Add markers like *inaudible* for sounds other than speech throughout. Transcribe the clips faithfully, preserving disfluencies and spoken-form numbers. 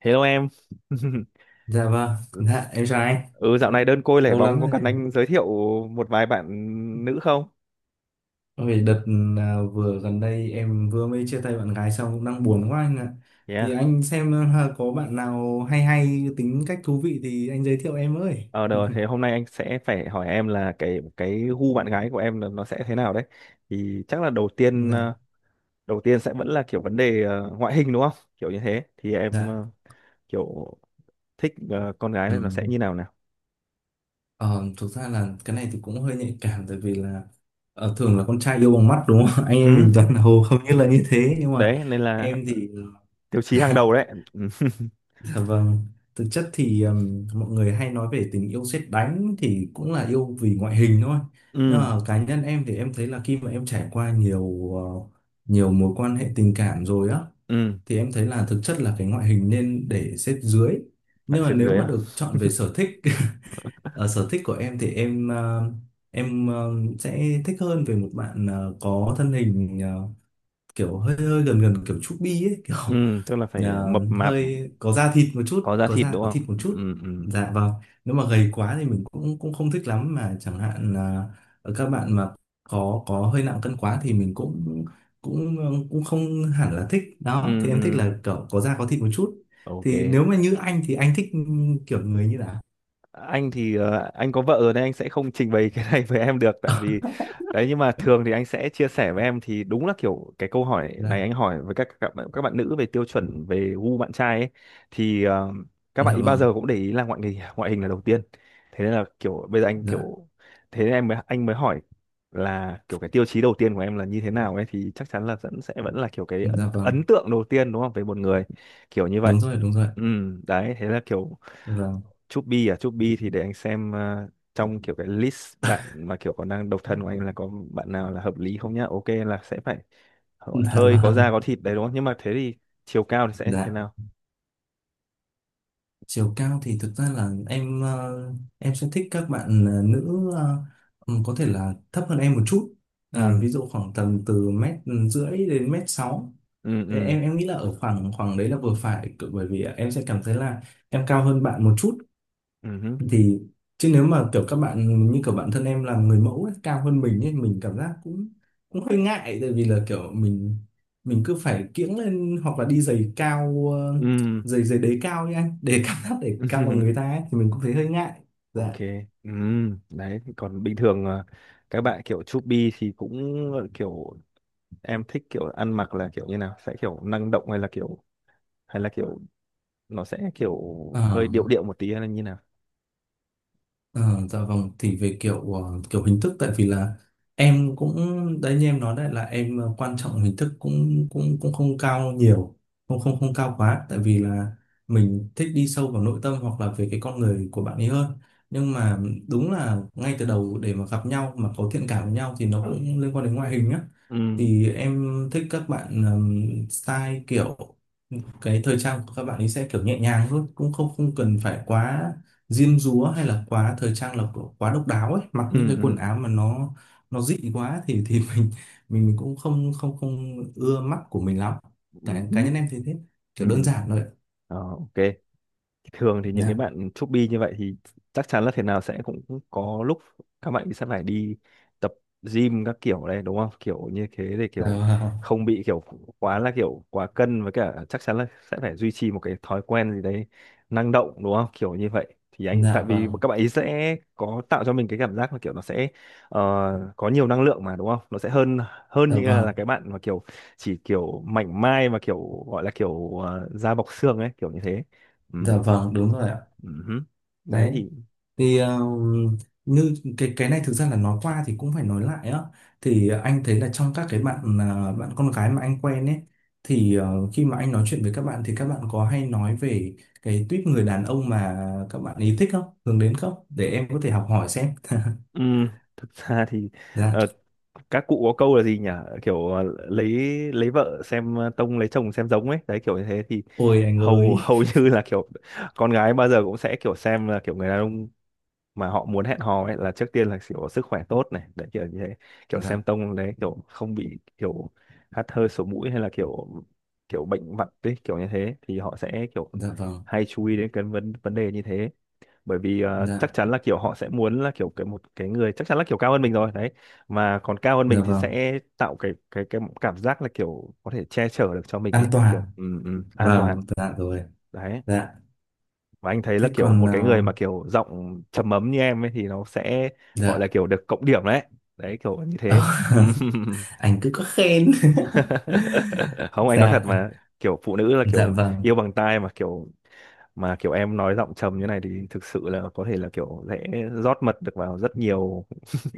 Hello em. *laughs* Dạ vâng, dạ em chào anh, Ừ, dạo này đơn côi lẻ lâu bóng có lắm cần rồi. anh giới thiệu một vài bạn nữ không? Vì đợt à, Vừa gần đây em vừa mới chia tay bạn gái xong cũng đang buồn quá anh ạ. Thì Yeah. anh xem à, có bạn nào hay hay tính cách thú vị thì anh giới thiệu em ơi. Ờ được rồi, thế hôm nay anh sẽ phải hỏi em là cái cái gu bạn gái của em là nó sẽ thế nào đấy. Thì chắc là đầu tiên Dạ, ờ, đầu tiên sẽ vẫn là kiểu vấn đề ờ, ngoại hình đúng không? Kiểu như thế thì em ờ, dạ. kiểu thích ờ, con gái Ừ. này nó sẽ như nào nào? Ờ, Thực ra là cái này thì cũng hơi nhạy cảm, tại vì là ờ, thường là con trai yêu bằng mắt đúng không? *laughs* Anh em Ừ, mình toàn hầu không như là như thế, nhưng mà đấy nên là em thì tiêu chí hàng đầu *laughs* đấy. Ừ. *laughs* Dạ vâng, thực chất thì um, mọi người hay nói về tình yêu sét đánh thì cũng là yêu vì ngoại hình thôi. Nhưng Ừ, mà cá nhân em thì em thấy là khi mà em trải qua nhiều ờ, nhiều mối quan hệ tình cảm rồi á ừ, thì em thấy là thực chất là cái ngoại hình nên để xếp dưới. phải Nhưng mà xếp nếu dưới mà à? được chọn về sở thích *laughs* ở sở thích của em thì em ờ, em ờ, sẽ thích hơn về một bạn ờ, có thân hình ờ, kiểu hơi hơi gần gần kiểu chubby ấy, kiểu Ừ, tức là phải à, mập mạp hơi có da thịt một có chút, da có thịt da đúng có không? thịt một chút. Ừ, ừ, Dạ vâng. Nếu mà gầy quá thì mình cũng cũng không thích lắm, mà chẳng hạn là các bạn mà có có hơi nặng cân quá thì mình cũng cũng cũng không hẳn là thích đó. ừ, Thì ừ, em thích là kiểu có da có thịt một chút. ok. Thì nếu mà như anh thì anh thích kiểu người như nào? Anh thì ờ, anh có vợ rồi nên anh sẽ không trình bày *laughs* cái này với em được, tại vì đấy, nhưng mà thường thì anh sẽ chia sẻ với em thì đúng là kiểu cái câu hỏi này Dạ. anh hỏi với các các bạn, các bạn nữ về tiêu chuẩn về gu bạn trai ấy thì ờ, các bạn Dạ ý bao vâng. giờ cũng để ý là ngoại hình, ngoại hình là đầu tiên. Thế nên là kiểu bây giờ anh Dạ. kiểu thế nên em mới anh mới hỏi là kiểu cái tiêu chí đầu tiên của em là như thế nào ấy, thì chắc chắn là vẫn sẽ vẫn là kiểu cái ấn Dạ ấn vâng, tượng đầu tiên đúng không, về một người kiểu như vậy. đúng rồi, đúng rồi. Ừ, đấy thế là kiểu Vâng. Chubby à. Chubby thì để anh xem ờ, trong kiểu cái list bạn mà kiểu còn đang độc thân của anh là có bạn nào là hợp lý không nhá. Ok, là sẽ phải *laughs* Dạ hơi có da vâng. có thịt đấy đúng không, nhưng mà thế thì chiều cao thì sẽ thế Dạ. nào? Chiều cao thì thực ra là em ờ, em sẽ thích các bạn ờ, nữ, ờ, ừm, có thể là thấp hơn em một chút. À, ừ, Ví dụ khoảng tầm từ mét rưỡi đến mét sáu. ừ, Thế ừ, em em nghĩ là ở khoảng khoảng đấy là vừa phải, cự- bởi vì em sẽ cảm thấy là em cao hơn bạn một chút. ừ hứ, Thì chứ nếu mà kiểu các bạn như kiểu bản thân em làm người mẫu ấy, cao hơn mình ấy, mình cảm giác cũng cũng hơi ngại, tại vì là kiểu mình mình cứ phải kiễng lên hoặc là đi giày cao, ờ, ừ, giày giày đế cao nha để *laughs* cảm giác để ừ. cao bằng *laughs* người ta ấy, thì mình cũng thấy hơi ngại. Ok, ừ. Đấy còn bình thường ờ, các bạn kiểu chubby thì cũng ờ, kiểu em thích kiểu ăn mặc là kiểu như nào, sẽ kiểu năng động hay là kiểu hay là kiểu nó sẽ kiểu hơi điệu Dạ. điệu một tí hay là như nào? Ờ, dạ vâng, thì về kiểu ờ, kiểu hình thức, tại vì là em cũng đấy, như em nói đấy là em ờ, quan trọng hình thức cũng cũng cũng không cao nhiều, không không không cao quá, tại vì là mình thích đi sâu vào nội tâm hoặc là về cái con người của bạn ấy hơn. Nhưng mà đúng là ngay từ đầu để mà gặp nhau mà có thiện cảm với nhau thì nó cũng liên quan đến ngoại hình á. Ừ, Thì em thích các bạn ừm, style, kiểu cái thời trang của các bạn ấy sẽ kiểu nhẹ nhàng thôi, cũng không không cần phải quá diêm dúa hay là quá thời trang, là kiểu quá độc đáo ấy, mặc những ừ, cái quần ừ, áo mà nó nó dị quá thì thì *laughs* mình mình mình cũng không không không ưa mắt của mình lắm. ừ, Cá cá ừ, nhân em thì thế, kiểu đơn ừm, giản thôi ạ. ờ, ô, thường thì những cái Dạ. bạn chubby như vậy thì chắc chắn là thế nào sẽ cũng cũng có lúc các bạn sẽ phải đi tập gym các kiểu đấy đúng không, kiểu như thế để Dạ kiểu vâng. không bị kiểu quá là kiểu quá cân, với cả chắc chắn là sẽ phải duy trì một cái thói quen gì đấy năng động đúng không, kiểu như vậy thì anh tại Dạ vì vâng. các bạn ấy sẽ có tạo cho mình cái cảm giác là kiểu nó sẽ ờ, có nhiều năng lượng mà đúng không, nó sẽ hơn hơn Dạ như là, là vâng. cái bạn mà kiểu chỉ kiểu mảnh mai mà kiểu gọi là kiểu ờ, da bọc xương ấy, kiểu như thế. Ừ. Dạ vâng, đúng rồi ạ. Ừ hứ. Đấy Đấy thì thì ờ, như cái cái này thực ra là nói qua thì cũng phải nói lại á. Thì anh thấy là trong các cái bạn à, bạn con gái mà anh quen ấy, thì ờ, khi mà anh nói chuyện với các bạn thì các bạn có hay nói về cái tuýp người đàn ông mà các bạn ý thích không, hướng đến không, để em có thể học hỏi xem. ừm, thực *laughs* ra thì *laughs* Dạ. ờ, các cụ có câu là gì nhỉ? Kiểu ờ, lấy lấy vợ xem ờ, tông, lấy chồng xem giống ấy. Đấy kiểu như thế thì Ôi anh hầu *laughs* ơi. hầu như là kiểu con gái bao giờ cũng sẽ kiểu xem là kiểu người đàn ông mà họ muốn hẹn hò ấy là trước tiên là kiểu sức khỏe tốt này, đấy kiểu như thế. Kiểu xem Dạ. tông đấy kiểu không bị kiểu hắt hơi sổ mũi hay là kiểu kiểu bệnh vặt ấy, kiểu như thế thì họ sẽ kiểu Dạ vâng. hay chú ý đến cái vấn vấn đề như thế. Bởi vì ờ, chắc Dạ. chắn là kiểu họ sẽ muốn là kiểu cái một cái người chắc chắn là kiểu cao hơn mình rồi đấy, mà còn cao hơn Dạ mình thì vâng, sẽ tạo cái cái cái cảm giác là kiểu có thể che chở được cho mình an ấy, kiểu toàn, ừ, ừ, an toàn vâng dạ rồi. đấy. Dạ. Và anh thấy là Thế kiểu còn một ờ, cái người mà kiểu giọng trầm ấm như em ấy thì nó sẽ gọi là dạ. kiểu được cộng điểm đấy, đấy kiểu như thế. *laughs* Anh cứ có khen. *laughs* *laughs* Không, anh nói thật Dạ. mà, kiểu phụ nữ là Dạ kiểu vâng. yêu bằng tai mà kiểu mà kiểu em nói giọng trầm như này thì thực sự là có thể là kiểu dễ rót mật được vào rất nhiều *laughs*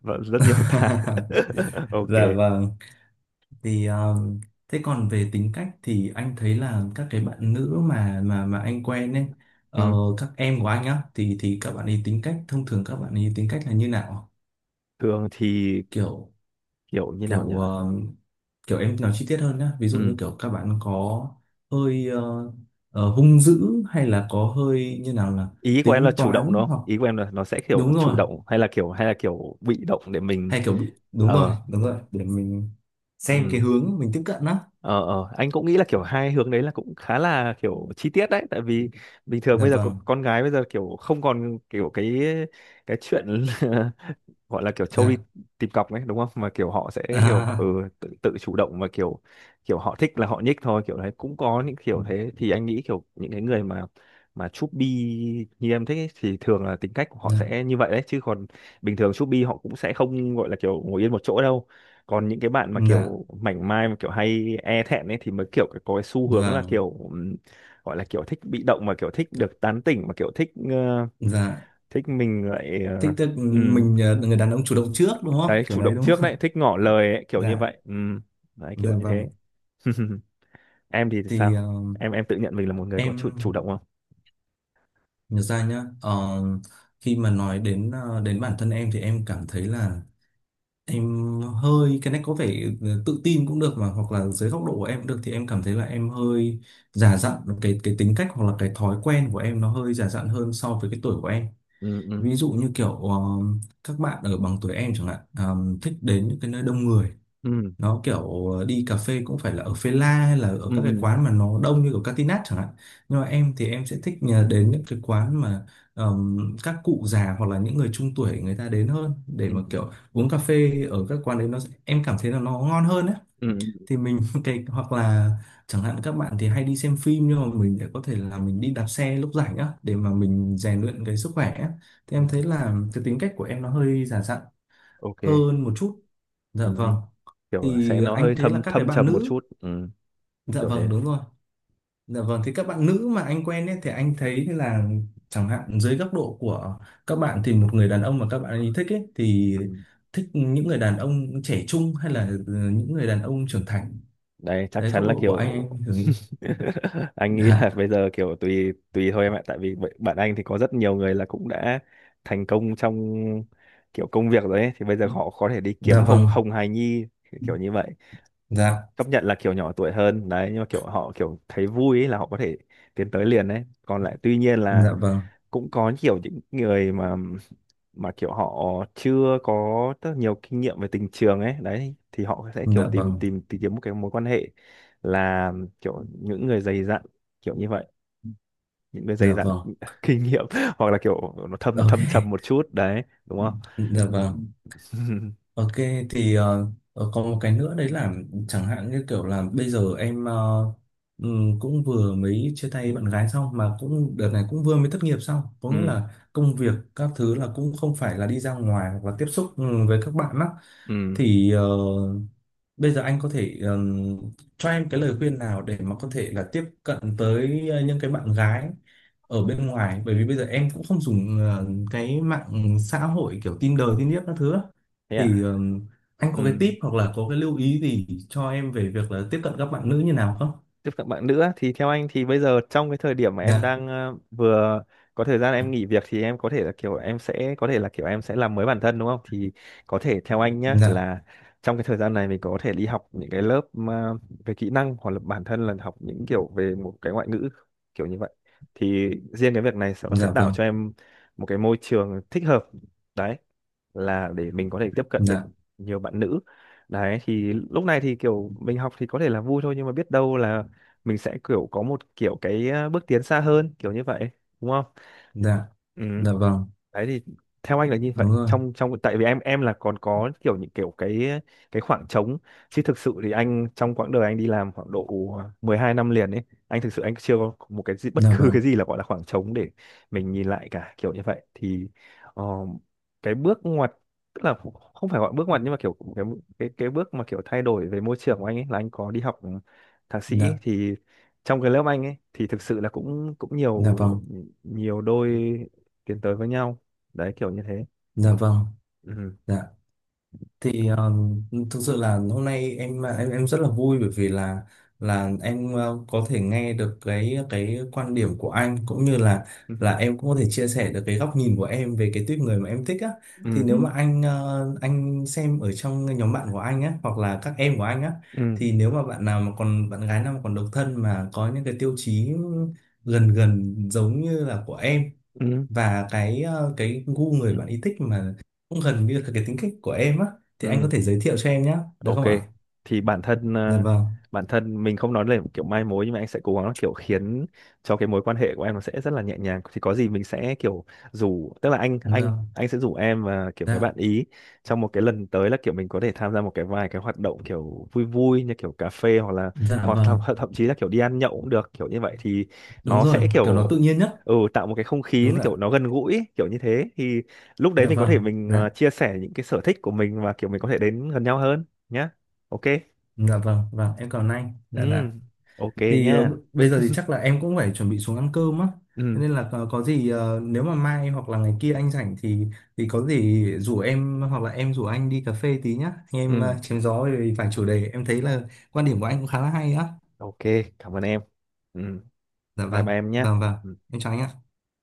và rất nhiều tai. *laughs* *laughs* Ok, Dạ vâng. Thì um, thế còn về tính cách thì anh thấy là các cái bạn nữ mà mà mà anh quen ấy, ờ, ừ. các em của anh á, thì thì các bạn ấy tính cách thông thường các bạn ấy tính cách là như nào? Thường thì Kiểu. kiểu như nào nhỉ? kiểu um, Kiểu em nói chi tiết hơn nhá. Ví dụ như Ừ. kiểu các bạn có hơi ờ, ờ, hung dữ hay là có hơi như nào, là Ý của em là tính chủ động đúng toán, không, hoặc ý của em là nó sẽ kiểu đúng chủ rồi, động hay là kiểu hay là kiểu bị động để mình hay kiểu bị, đúng rồi, ờ đúng rồi, để mình xem cái ừ. hướng mình tiếp cận á. ờ ờ anh cũng nghĩ là kiểu hai hướng đấy là cũng khá là kiểu chi tiết đấy, tại vì bình thường Dạ bây giờ có- vâng. con gái bây giờ kiểu không còn kiểu cái cái chuyện *laughs* gọi là kiểu trâu đi Dạ. tìm cọc ấy đúng không, mà kiểu họ sẽ kiểu ừ, À, tự, tự chủ động và kiểu kiểu họ thích là họ nhích thôi kiểu đấy, cũng có những kiểu thế thì anh nghĩ kiểu những cái người mà mà chúc bi như em thích ấy, thì thường là tính cách của họ dạ. sẽ như vậy đấy, chứ còn bình thường chúc bi họ cũng sẽ không gọi là kiểu ngồi yên một chỗ đâu. Còn những cái bạn mà Dạ kiểu mảnh mai mà kiểu hay e thẹn ấy thì mới kiểu có cái xu hướng là vâng. kiểu ừm, gọi là kiểu thích bị động mà kiểu thích Kiểu- được tán tỉnh mà kiểu thích ờ, dạ. thích mình lại. Thích, tức uh, mình ờ, người đàn ông chủ động trước, đúng không, đấy kiểu chủ đấy động đúng trước không? đấy, thích ngỏ lời ấy, *laughs* kiểu như Dạ. vậy. Ừ, đấy kiểu Dạ như vâng. thế. *laughs* Em thì Thì ờ, sao, em em tự nhận mình là một người có chủ chủ em động không? nhớ ra nhá. ờ, Khi mà nói đến ờ, đến bản thân em thì em cảm thấy là em hơi, cái này có vẻ ờ, tự tin cũng được, mà hoặc là dưới góc độ của em cũng được, thì em cảm thấy là em hơi già dặn. cái cái tính cách hoặc là cái thói quen của em nó hơi già dặn hơn so với cái tuổi của em. Ừ, ừ, Ví dụ như kiểu ờ, các bạn ở bằng tuổi em chẳng hạn, ờ, thích đến những cái nơi đông người, ừ, nó kiểu ờ, đi cà phê cũng phải là ở Phê La hay là ở các cái ừ, quán mà nó đông như ở Catinat chẳng hạn. Nhưng mà em thì em sẽ thích nhờ đến những cái quán mà ờm, các cụ già hoặc là những người trung tuổi người ta đến hơn, để ừ, mà kiểu uống cà phê ở các quán đấy nó em cảm thấy là nó ngon hơn đấy. ừ, ừ. Thì mình *laughs* cái hoặc là chẳng hạn các bạn thì hay đi xem phim nhưng mà mình lại có thể là mình đi đạp xe lúc rảnh á, để mà mình rèn luyện cái sức khỏe á. Thì Ừ. em thấy là cái tính cách của em nó hơi già dặn Ok, hơn một chút. Dạ vâng. ừ. Kiểu là sẽ Thì nó anh hơi thấy là thâm các cái thâm bạn trầm một nữ, chút. Ừ. dạ Kiểu vâng thế. đúng rồi. Dạ vâng, thì các bạn nữ mà anh quen ấy thì anh thấy là, chẳng hạn dưới góc độ của các bạn thì một người đàn ông mà các bạn ấy thích ấy, thì Ừ. thích những người đàn ông trẻ trung hay là ờ, những người đàn ông trưởng thành, Đấy chắc đấy, chắn góc là độ của anh kiểu anh thử nghĩ. *laughs* anh nghĩ là Dạ. bây giờ kiểu tùy tùy thôi em ạ, tại vì b- bạn anh thì có rất nhiều người là cũng đã thành công trong kiểu công việc rồi ấy, thì bây giờ họ có thể đi Dạ kiếm hồng vâng. hồng hài nhi kiểu như vậy, Dạ. chấp nhận là kiểu nhỏ tuổi hơn đấy nhưng mà kiểu họ kiểu thấy vui ấy là họ có thể tiến tới liền đấy. Còn lại tuy nhiên là Dạ vâng. cũng có kiểu những người mà mà kiểu họ chưa có rất nhiều kinh nghiệm về tình trường ấy, đấy thì họ sẽ kiểu Dạ tìm vâng. tìm tìm kiếm một cái mối quan hệ là kiểu những người dày dặn kiểu như vậy, những người dày Dạ dặn vâng. *laughs* kinh nghiệm, *laughs* hoặc là kiểu nó thâm OK. thâm trầm một chút đấy đúng không. Dạ Ừ. vâng. *laughs* OK. Thì ờ, ờ, có một cái nữa đấy là chẳng hạn như kiểu là bây giờ em ờ, ừm, cũng vừa mới chia tay bạn gái xong, mà cũng đợt này cũng vừa mới thất nghiệp xong, có nghĩa Ừ, là công việc các thứ là cũng không phải là đi ra ngoài hoặc là tiếp xúc ừ, với các bạn á. ừ, Thì ờ, bây giờ anh có thể ừm, cho em cái lời khuyên nào để mà có thể là tiếp cận tới ờ, những cái bạn gái ở bên ngoài, bởi vì bây giờ em cũng không dùng ờ, cái mạng xã hội kiểu Tinder, Tinder các thứ á. thế à. Thì ừm, anh Ừ, có cái tip hoặc là có cái lưu ý gì cho em về việc là tiếp cận các bạn nữ như nào không? tiếp cận bạn nữa thì theo anh thì bây giờ trong cái thời điểm mà em Dạ. đang ờ, vừa có thời gian em nghỉ việc thì em có thể là kiểu em sẽ có thể là kiểu em sẽ làm mới bản thân đúng không, thì có thể theo anh nhá Dạ. là trong cái thời gian này mình có thể đi học những cái lớp mà về kỹ năng hoặc là bản thân là học những kiểu về một cái ngoại ngữ kiểu như vậy, thì riêng cái việc này sẽ- nó sẽ Dạ tạo vâng. cho em một cái môi trường thích hợp đấy, là để mình có thể tiếp cận được Dạ. nhiều bạn nữ. Đấy thì lúc này thì kiểu mình học thì có thể là vui thôi, nhưng mà biết đâu là mình sẽ kiểu có một kiểu cái ờ, bước tiến xa hơn kiểu như vậy đúng không. Dạ. Ừ, Dạ vâng. đấy thì theo anh là như Đúng vậy, rồi. trong trong tại vì em em là còn có kiểu những kiểu cái cái khoảng trống, chứ thực sự thì anh trong quãng đời anh đi làm khoảng độ mười hai năm liền ấy, anh thực sự anh chưa có một cái gì, bất Dạ cứ vâng. cái gì là gọi là khoảng trống để mình nhìn lại cả kiểu như vậy. Thì ờ, cái bước ngoặt, tức là không phải gọi bước ngoặt nhưng mà kiểu cái cái cái bước mà kiểu thay đổi về môi trường của anh ấy là anh có đi học thạc sĩ Dạ. thì trong cái lớp anh ấy thì thực sự là cũng cũng nhiều Dạ vâng. nhiều đôi tiến tới với nhau, đấy kiểu như thế. Dạ vâng. Ừ. Dạ. Thì ờ, thực sự là hôm nay em em em rất là vui, bởi vì là là em ờ, có thể nghe được cái cái quan điểm của anh, cũng như là Ừ. là em cũng có thể chia sẻ được cái góc nhìn của em về cái tuyếp người mà em thích á. Thì nếu Ừ. mà anh ờ, anh xem ở trong nhóm bạn của anh á hoặc là các em của anh á, Ừ. thì nếu mà bạn nào mà còn bạn gái nào mà còn độc thân, mà có những cái tiêu chí gần gần giống như là của em, Ừ. và cái ờ, cái gu người bạn ý thích mà cũng gần như là cái tính cách của em á, thì anh có Ừ. thể giới thiệu cho em nhé, được Ok, không ạ? thì bản thân Dạ ờ, vâng, bản thân mình không nói là kiểu mai mối nhưng mà anh sẽ cố gắng là kiểu khiến cho cái mối quan hệ của em nó sẽ rất là nhẹ nhàng. Thì có gì mình sẽ kiểu rủ, tức là anh đúng anh rồi. anh sẽ rủ em và kiểu các bạn Dạ. ý trong một cái lần tới là kiểu mình có thể tham gia một cái vài cái hoạt động kiểu vui vui như kiểu cà phê hoặc là Dạ hoặc vâng, thậm, thậm chí là kiểu đi ăn nhậu cũng được kiểu như vậy, thì đúng nó rồi, sẽ kiểu nó kiểu tự nhiên nhất. ừ, tạo một cái không khí Đúng nó rồi ạ. kiểu nó gần gũi ấy, kiểu như thế thì lúc đấy Dạ mình có thể vâng. mình Dạ. ờ, chia sẻ những cái sở thích của mình và kiểu mình có thể đến gần nhau hơn nhá. Ok, Dạ vâng, vâng, em cảm ơn anh. ừ, Dạ, dạ. ok Thì ờ, nhá. b- bây giờ thì chắc là em cũng phải chuẩn bị xuống ăn cơm á. Thế Ừ, nên là có, có gì ờ, nếu mà mai hoặc là ngày kia anh rảnh thì thì có gì rủ em hoặc là em rủ anh đi cà phê tí nhá, anh em ờ, ừ, chém gió về vài chủ đề. Em thấy là quan điểm của anh cũng khá là hay á. ok, cảm ơn em. Ừ, Dạ bye vâng, bye em nhá. vâng, vâng, Ừ. em chào anh ạ.